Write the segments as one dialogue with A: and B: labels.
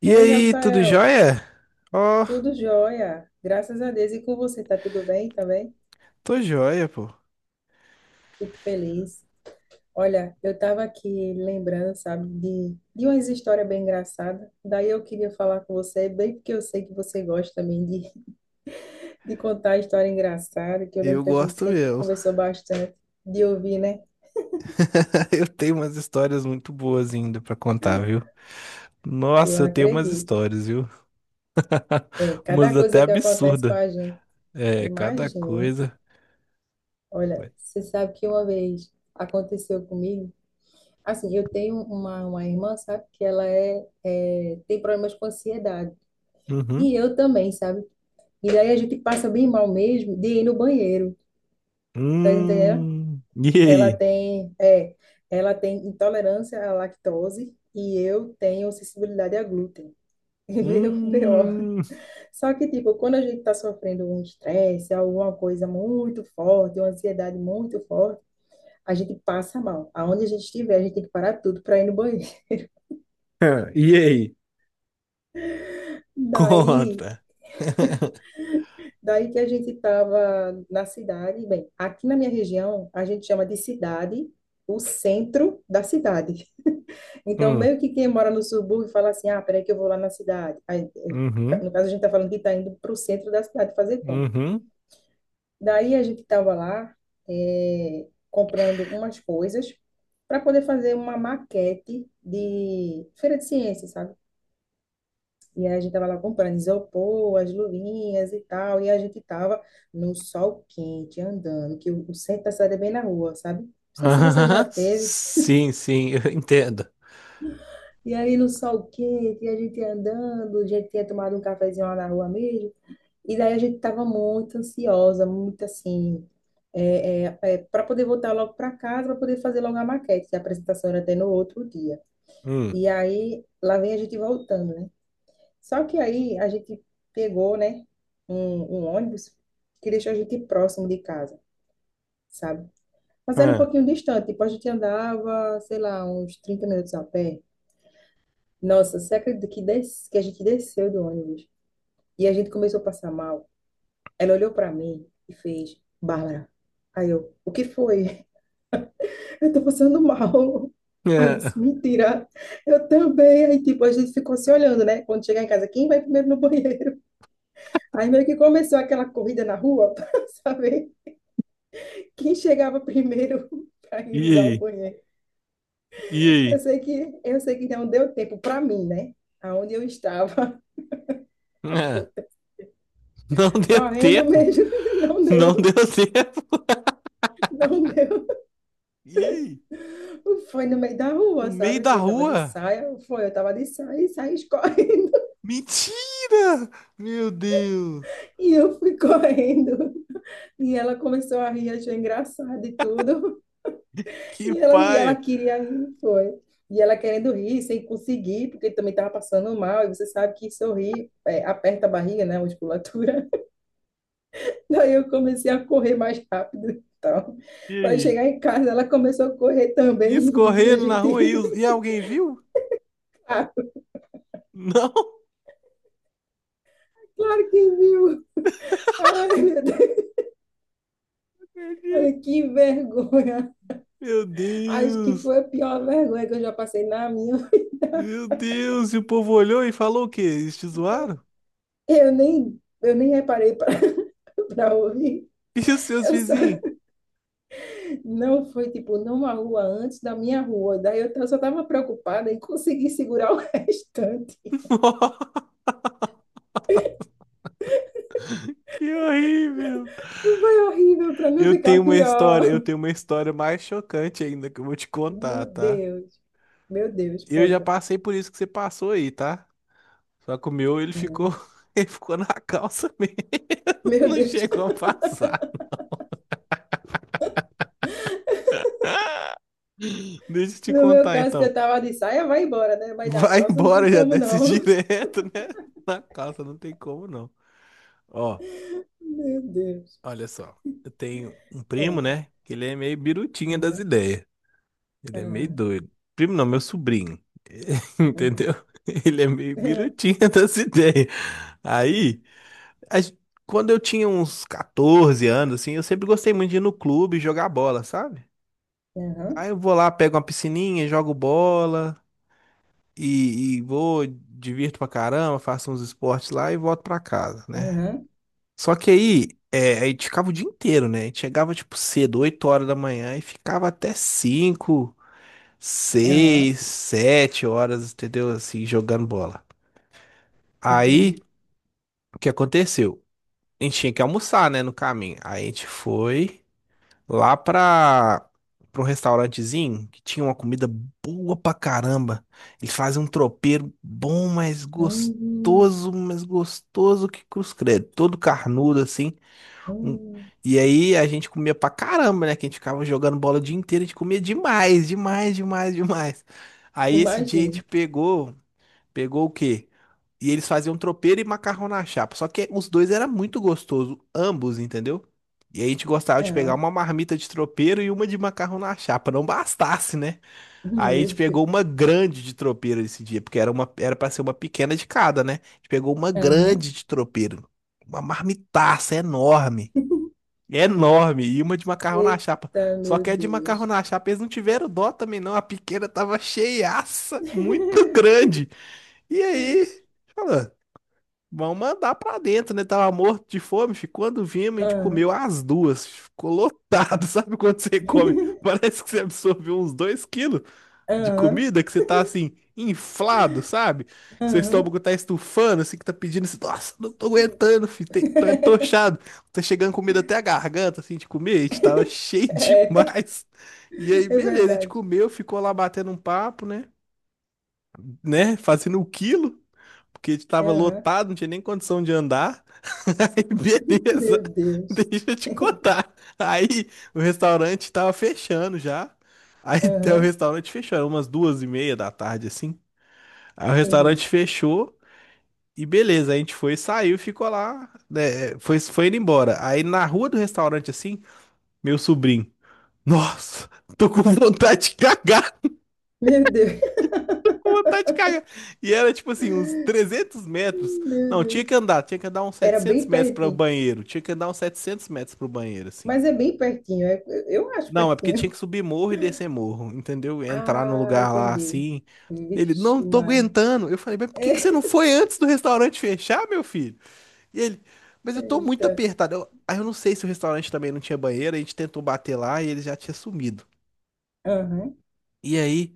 A: E
B: Oi,
A: aí, tudo
B: Rafael.
A: jóia? Ó,
B: Tudo jóia? Graças a Deus. E com você, tá tudo bem também?
A: tô jóia, pô.
B: Fico feliz. Olha, eu estava aqui lembrando, sabe, de umas histórias bem engraçadas. Daí eu queria falar com você, bem porque eu sei que você gosta também de, de contar história engraçada, que eu lembro
A: Eu
B: que a gente
A: gosto
B: sempre
A: mesmo.
B: conversou bastante de ouvir, né?
A: Eu tenho umas histórias muito boas ainda pra contar, viu?
B: Eu
A: Nossa, eu tenho umas
B: acredito.
A: histórias, viu?
B: É, cada
A: Umas até
B: coisa que acontece com
A: absurdas.
B: a gente.
A: É, cada
B: Imagine.
A: coisa.
B: Olha,
A: Vai.
B: você sabe que uma vez aconteceu comigo. Assim, eu tenho uma irmã, sabe, que ela tem problemas com ansiedade. E
A: Uhum.
B: eu também, sabe? E daí a gente passa bem mal mesmo de ir no banheiro, tá entendendo?
A: Hum. E
B: Ela
A: aí?
B: tem, é, ela tem intolerância à lactose e eu tenho sensibilidade a glúten. E veio Meu B.O.
A: Hum.
B: Só que, tipo, quando a gente tá sofrendo um estresse, alguma coisa muito forte, uma ansiedade muito forte, a gente passa mal. Aonde a gente estiver, a gente tem que parar tudo para ir no banheiro.
A: E aí?
B: Daí,
A: Conta.
B: Daí que a gente estava na cidade, bem, aqui na minha região a gente chama de cidade o centro da cidade. Então,
A: Hum.
B: meio que quem mora no subúrbio fala assim: ah, peraí que eu vou lá na cidade. Aí, ca-
A: Uhum.
B: no caso, a gente está falando que está indo para o centro da cidade fazer compra.
A: Uhum.
B: Daí a gente estava lá comprando umas coisas para poder fazer uma maquete de feira de ciências, sabe? E aí a gente tava lá comprando isopor, as luvinhas e tal, e a gente tava no sol quente, andando, que o centro da cidade é bem na rua, sabe? Não sei se você já teve.
A: Sim, sim, eu entendo.
B: E aí no sol quente, e a gente andando, a gente tinha tomado um cafezinho lá na rua mesmo, e daí a gente tava muito ansiosa, muito assim, é, para poder voltar logo para casa, para poder fazer logo a maquete, que a apresentação era até no outro dia.
A: Hum.
B: E aí, lá vem a gente voltando, né? Só que aí a gente pegou, né, um, um ônibus que deixou a gente próximo de casa, sabe? Mas era um
A: Ah.
B: pouquinho distante, tipo, a gente andava, sei lá, uns 30 minutos a pé. Nossa, você acredita que, que a gente desceu do ônibus e a gente começou a passar mal? Ela olhou pra mim e fez, Bárbara. Aí eu, o que foi? Eu tô passando mal. Aí eu
A: É.
B: disse, mentira, eu também. Aí, tipo, a gente ficou se olhando, né? Quando chegar em casa, quem vai primeiro no banheiro? Aí meio que começou aquela corrida na rua para saber quem chegava primeiro para
A: E
B: ir usar o
A: aí?
B: banheiro. Eu
A: E
B: sei que eu sei que não deu tempo para mim, né? Aonde eu estava
A: aí? É, não deu
B: correndo
A: tempo.
B: mesmo, não
A: Não
B: deu,
A: deu tempo.
B: não deu.
A: E aí?
B: Foi no meio da
A: No
B: rua,
A: meio
B: sabe?
A: da
B: Assim, eu estava de
A: rua?
B: saia, foi, eu estava de saia e saí correndo.
A: Mentira! Meu Deus!
B: E eu fui correndo. E ela começou a rir, achou engraçado e tudo.
A: Que
B: E ela
A: paia!
B: queria ir, foi. E ela querendo rir, sem conseguir, porque também estava passando mal. E você sabe que sorrir é, aperta a barriga, né? A musculatura. Daí eu comecei a correr mais rápido e tal.
A: E
B: Para
A: aí?
B: chegar em casa, ela começou a correr
A: E
B: também, rindo, e a
A: escorrendo na
B: gente
A: rua e,
B: rindo.
A: e alguém viu?
B: Ah,
A: Não?
B: claro que viu. Ai, meu Deus.
A: Acredito.
B: Olha que vergonha.
A: Meu
B: Acho que
A: Deus!
B: foi a pior vergonha que eu já passei na minha.
A: Meu Deus! E o povo olhou e falou o quê? Eles te zoaram?
B: Eu nem reparei para ouvir.
A: E os seus
B: Eu só
A: vizinhos?
B: Não foi tipo numa rua antes da minha rua. Daí eu só estava preocupada em conseguir segurar o restante.
A: Que horrível!
B: Foi horrível para não
A: Eu
B: ficar
A: tenho uma história,
B: pior.
A: eu tenho uma história mais chocante ainda que eu vou te contar,
B: Meu
A: tá?
B: Deus. Meu Deus,
A: Eu já
B: conta.
A: passei por isso que você passou aí, tá? Só que o meu, ele ficou,
B: É.
A: ele ficou na calça mesmo.
B: Meu
A: Não
B: Deus.
A: chegou a passar. Deixa eu te
B: No meu
A: contar
B: caso, que eu
A: então.
B: tava de saia, vai embora, né? Vai dar
A: Vai
B: calça, não tem
A: embora, já
B: como
A: desce
B: não.
A: direto, né? Na calça não tem como não. Ó,
B: Meu Deus.
A: olha só. Eu tenho um primo,
B: Conta.
A: né? Que ele é meio birutinha das
B: Aham,
A: ideias. Ele é meio
B: aham,
A: doido. Primo não, meu sobrinho.
B: aham.
A: Entendeu? Ele é meio
B: Aham,
A: birutinha das ideias.
B: sim.
A: Aí. a gen- Quando eu tinha uns 14 anos, assim, eu sempre gostei muito de ir no clube jogar bola, sabe?
B: Aham,
A: Aí eu vou lá, pego uma piscininha, jogo bola e vou, divirto pra caramba, faço uns esportes lá e volto pra casa, né?
B: aham,
A: Só que aí, a gente ficava o dia inteiro, né? A gente chegava, tipo, cedo, 8 horas da manhã e ficava até cinco
B: aham.
A: seis sete horas, entendeu? Assim, jogando bola. Aí,
B: Entendi.
A: o que aconteceu? A gente tinha que almoçar, né, no caminho. Aí a gente foi lá para pra um restaurantezinho que tinha uma comida boa pra caramba. Eles fazem um tropeiro bom,
B: Hum,
A: mas gostoso que cruz credo. Todo carnudo assim. Um-
B: hum.
A: E aí a gente comia pra caramba, né? Que a gente ficava jogando bola o dia inteiro, a gente comia demais, demais, demais, demais. Aí esse dia a
B: Imagina.
A: gente pegou. Pegou o quê? E eles faziam tropeiro e macarrão na chapa. Só que os dois era muito gostoso, ambos, entendeu? E a gente gostava de pegar uma marmita de tropeiro e uma de macarrão na chapa, não bastasse, né? Aí a gente
B: Meu
A: pegou
B: Deus.
A: uma grande de tropeiro esse dia, porque era para ser uma pequena de cada, né? A gente pegou uma
B: Aham.
A: grande de tropeiro, uma marmitaça enorme, enorme, e uma de macarrão na chapa.
B: Eita,
A: Só
B: meu
A: que a de macarrão
B: Deus.
A: na chapa eles não tiveram dó também não, a pequena tava cheiaça, muito grande. E aí, fala, vamos mandar pra dentro, né? Tava morto de fome, fi. Quando vimos, a gente
B: Aham.
A: comeu as duas. Ficou lotado, sabe quando você come? Parece que você absorveu uns 2 quilos de
B: Aham.
A: comida, que você tá assim, inflado, sabe? Que seu
B: Aham.
A: estômago tá estufando, assim, que tá pedindo assim, nossa, não tô aguentando, fi, tô entochado. Tá chegando comida até a garganta, assim, de comer, a gente tava cheio
B: É,
A: demais. E aí,
B: é
A: beleza, a gente
B: verdade.
A: comeu, ficou lá batendo um papo, né? Né? Fazendo o quilo porque estava
B: Aham.
A: lotado, não tinha nem condição de andar. Aí, beleza,
B: Meu Deus.
A: deixa eu te contar. Aí o restaurante estava fechando já. Aí até o
B: Aham.
A: restaurante fechou, era umas 2h30 da tarde, assim. Aí o restaurante
B: Entendi.
A: fechou e beleza, a gente foi, saiu, e ficou lá, né, foi indo embora. Aí na rua do restaurante, assim, meu sobrinho, nossa, tô com vontade de cagar,
B: Meu Deus.
A: com vontade de cagar. E era tipo assim, uns 300 metros.
B: Meu
A: Não,
B: Deus.
A: tinha que andar uns
B: Era
A: 700
B: bem
A: metros para o
B: pertinho.
A: banheiro. Tinha que andar uns 700 metros pro banheiro, assim.
B: Mas é bem pertinho. Eu acho
A: Não, é porque tinha
B: pertinho.
A: que subir morro e descer morro, entendeu? Entrar no
B: Ah,
A: lugar lá
B: entendi.
A: assim. Ele, não
B: Vixe,
A: tô
B: Maria.
A: aguentando. Eu falei, mas por que que você não foi antes do restaurante fechar, meu filho? E ele, mas eu tô muito
B: Eita.
A: apertado. Aí eu não sei se o restaurante também não tinha banheiro. A gente tentou bater lá e ele já tinha sumido.
B: Aham.
A: E aí,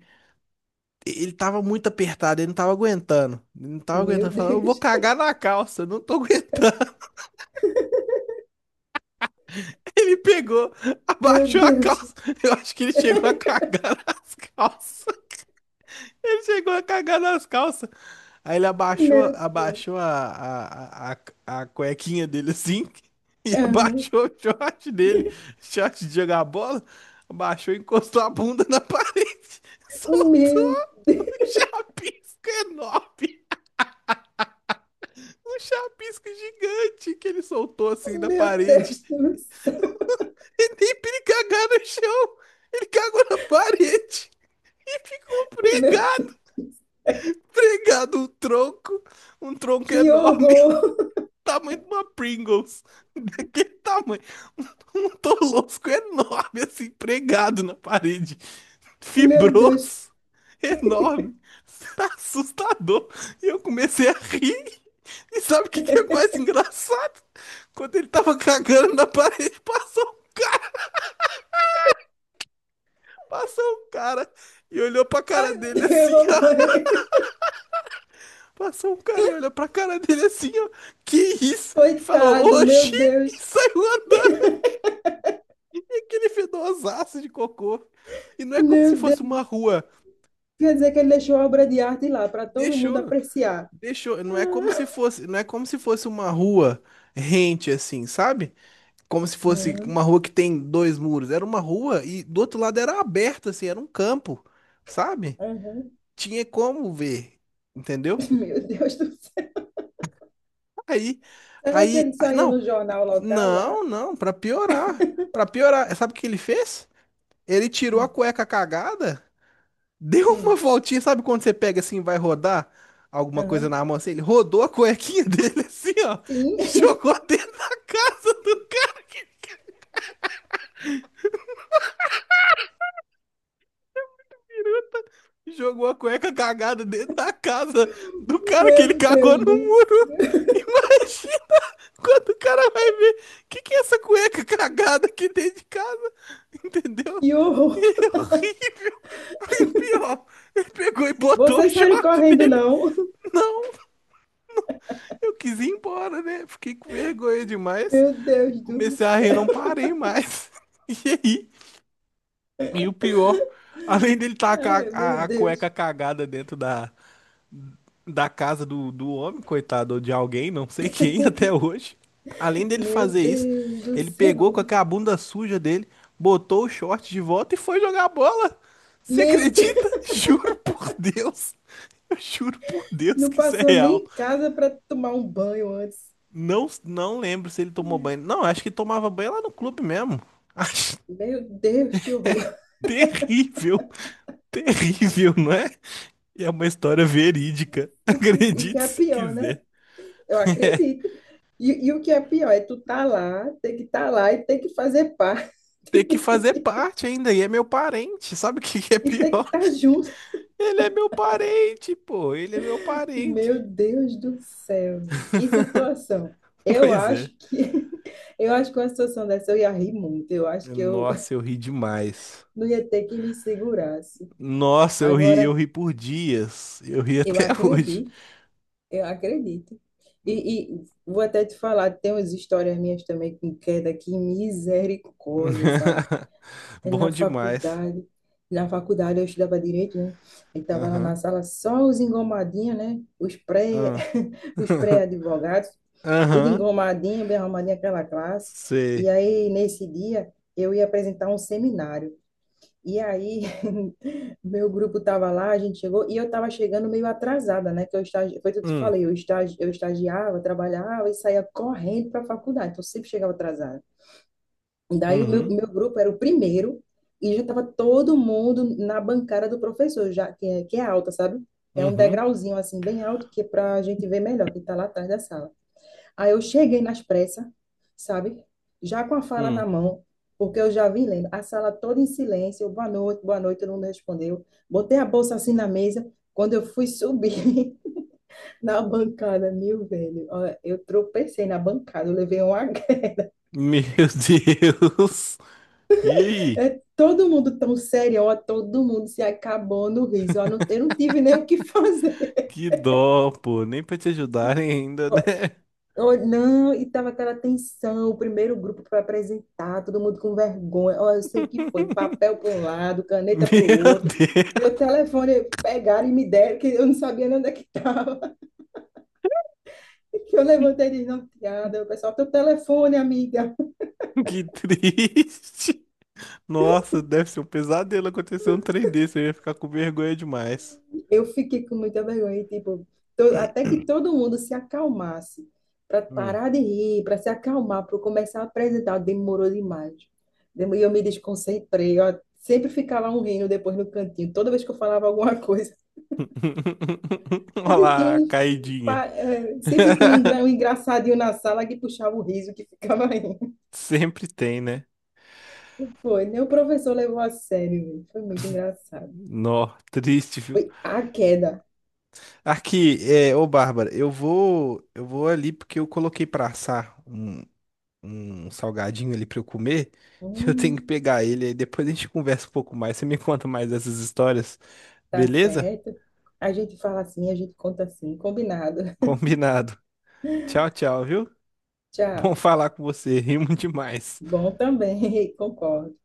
A: ele tava muito apertado, ele não tava aguentando. Ele não tava
B: Meu
A: aguentando. Falou, eu vou
B: Deus.
A: cagar na calça, eu não tô aguentando. Ele pegou,
B: Meu
A: abaixou a
B: Deus.
A: calça. Eu acho que ele chegou a cagar nas calças. Ele chegou a cagar nas calças. Aí ele abaixou,
B: Meu Deus.
A: abaixou a cuequinha dele assim e
B: Aham.
A: abaixou o short dele, short de jogar bola, abaixou e encostou a bunda na parede, soltou
B: Meu Deus.
A: um chapisco enorme. Um chapisco gigante que ele soltou assim na
B: Meu
A: parede.
B: Deus do céu.
A: E nem pra ele cagar no chão. Ele cagou na parede e ficou
B: Meu Deus
A: pregado,
B: do céu.
A: pregado um tronco
B: Que
A: enorme,
B: horror.
A: tamanho de uma Pringles, daquele tamanho, um tolosco enorme assim, pregado na parede,
B: Meu Deus.
A: fibroso, enorme, assustador. E eu comecei a rir. E sabe o que que é mais engraçado? Quando ele tava cagando na parede, passou, passou um cara e olhou pra cara
B: Ai, meu
A: dele
B: Deus, eu
A: assim,
B: vou
A: ó.
B: morrer.
A: Passou um cara e olhou pra cara dele assim, ó. Que isso? E falou,
B: Coitado, meu
A: oxi! E
B: Deus.
A: saiu andando. E aquele fedosaço de cocô. E não é como se
B: Meu
A: fosse uma
B: Deus.
A: rua.
B: Quer dizer que ele deixou a obra de arte lá para todo mundo
A: Deixou,
B: apreciar.
A: deixou. Não é como se
B: Ah.
A: fosse, não é como se fosse uma rua rente assim, sabe? Como se fosse uma
B: Aham.
A: rua que tem dois muros. Era uma rua e do outro lado era aberta, assim, era um campo, sabe?
B: Aham.
A: Tinha como ver, entendeu?
B: Meu Deus do céu.
A: Aí,
B: Será que
A: aí,
B: ele
A: aí-
B: saiu
A: não,
B: no jornal local lá?
A: não, não, pra piorar, sabe o que ele fez? Ele tirou a
B: Sim.
A: cueca cagada, deu uma
B: Sim.
A: voltinha, sabe quando você pega assim, e vai rodar alguma coisa
B: Aham.
A: na mão assim? Ele rodou a cuequinha dele assim, ó, e
B: Sim.
A: jogou dentro da casa do cara. Jogou a cueca cagada dentro da casa do cara que
B: Meu
A: ele cagou
B: Deus
A: no
B: do
A: muro.
B: céu.
A: Imagina! Quando o cara vai ver, que é essa cueca cagada aqui dentro de casa? Entendeu?
B: Que horror.
A: E é horrível. Aí o pior, ele pegou e botou o
B: Vocês saíram
A: short
B: correndo,
A: dele.
B: não?
A: Não, eu quis ir embora, né? Fiquei com vergonha demais.
B: Meu Deus do
A: Comecei a rir,
B: céu.
A: não parei mais. E aí? E o pior, além dele tacar
B: Ai, meu
A: a cueca
B: Deus.
A: cagada dentro da casa do homem, coitado, ou de alguém, não sei quem até hoje. Além dele
B: Meu
A: fazer isso,
B: Deus do
A: ele pegou
B: céu.
A: com aquela bunda suja dele, botou o short de volta e foi jogar bola. Você
B: Meu
A: acredita?
B: Deus.
A: Juro por Deus. Eu juro por Deus
B: Não
A: que isso é
B: passou
A: real.
B: nem em casa para tomar um banho antes.
A: Não, não lembro se ele tomou banho. Não, acho que tomava banho lá no clube mesmo. Acho
B: Meu Deus, que horror.
A: terrível, terrível, não é? E é uma história verídica.
B: E o que
A: Acredite
B: é
A: se
B: pior, né?
A: quiser.
B: Eu acredito. E o que é pior é tu tá lá, tem que estar tá lá e tem que fazer parte
A: Ter que fazer parte ainda, e é meu parente. Sabe o que que é
B: e tem que
A: pior?
B: estar tá junto.
A: Ele é meu parente, pô. Ele é meu parente.
B: Meu Deus do céu, que situação. Eu
A: Pois é.
B: acho que eu acho que uma situação dessa eu ia rir muito. Eu acho que eu
A: Nossa, eu ri demais.
B: não ia ter que me segurasse.
A: Nossa, eu
B: Agora,
A: ri por dias. Eu ri
B: eu
A: até hoje.
B: acredito, eu acredito. E vou até te falar, tem umas histórias minhas também com queda que misericórdia, sabe? É
A: Bom
B: Na
A: demais.
B: faculdade, na faculdade eu estudava direito, né? E tava lá na
A: Aham.
B: sala só os engomadinhos, né? Os pré,
A: Aham.
B: os pré-advogados. Tudo
A: Aham.
B: engomadinho, bem arrumadinho, aquela classe. E
A: Sei.
B: aí, nesse dia, eu ia apresentar um seminário. E aí, meu grupo estava lá, a gente chegou, e eu estava chegando meio atrasada, né? Que eu foi tudo que eu
A: Hum.
B: falei, eu, eu estagiava, trabalhava e saía correndo para a faculdade, então eu sempre chegava atrasada. E daí, o meu,
A: Uhum.
B: meu grupo era o primeiro, e já estava todo mundo na bancada do professor, já que é alta, sabe? É um
A: Uhum.
B: degrauzinho, assim, bem alto, que é para a gente ver melhor, que está lá atrás da sala. Aí eu cheguei nas pressas, sabe? Já com a fala na
A: Hum.
B: mão, porque eu já vim lendo. A sala toda em silêncio, eu, boa noite, todo mundo respondeu. Botei a bolsa assim na mesa. Quando eu fui subir na bancada, meu velho, ó, eu tropecei na bancada, eu levei um H.
A: Meu Deus. E aí?
B: É, todo mundo tão sério, ó, todo mundo se acabou no riso. Ó, eu não tive nem o que fazer.
A: Que dó, pô. Nem pra te ajudarem ainda, né?
B: Oh, não, e tava aquela tensão, o primeiro grupo para apresentar, todo mundo com vergonha. Oh, eu sei que foi, papel para um lado, caneta para o
A: Meu
B: outro.
A: Deus,
B: Meu telefone pegaram e me deram, que eu não sabia nem onde é que estava. Que eu levantei de noteada, o pessoal, teu telefone, amiga.
A: que triste. Nossa, deve ser um pesadelo acontecer um trem desse. Eu ia ficar com vergonha demais.
B: Eu fiquei com muita vergonha, e, tipo, até que todo mundo se acalmasse, para
A: Hum.
B: parar de rir, para se acalmar, para começar a apresentar, demorou demais. E eu me desconcentrei, ó, sempre ficava um rindo depois no cantinho, toda vez que eu falava alguma coisa,
A: Olha
B: sempre tinha
A: lá, a
B: um,
A: caidinha.
B: sempre tinha um um engraçadinho na sala que puxava o riso, que ficava rindo.
A: Sempre tem, né?
B: Foi, nem o professor levou a sério, velho. Foi muito engraçado.
A: Nó, triste, viu?
B: Foi a queda.
A: Aqui, ô Bárbara, eu vou ali porque eu coloquei pra assar um salgadinho ali pra eu comer. Eu tenho que
B: Hum.
A: pegar ele aí, depois a gente conversa um pouco mais. Você me conta mais dessas histórias,
B: Tá
A: beleza?
B: certo. A gente fala assim, a gente conta assim, combinado.
A: Combinado. Tchau, tchau, viu? Bom
B: Tchau.
A: falar com você. Rimo demais.
B: Bom também, concordo.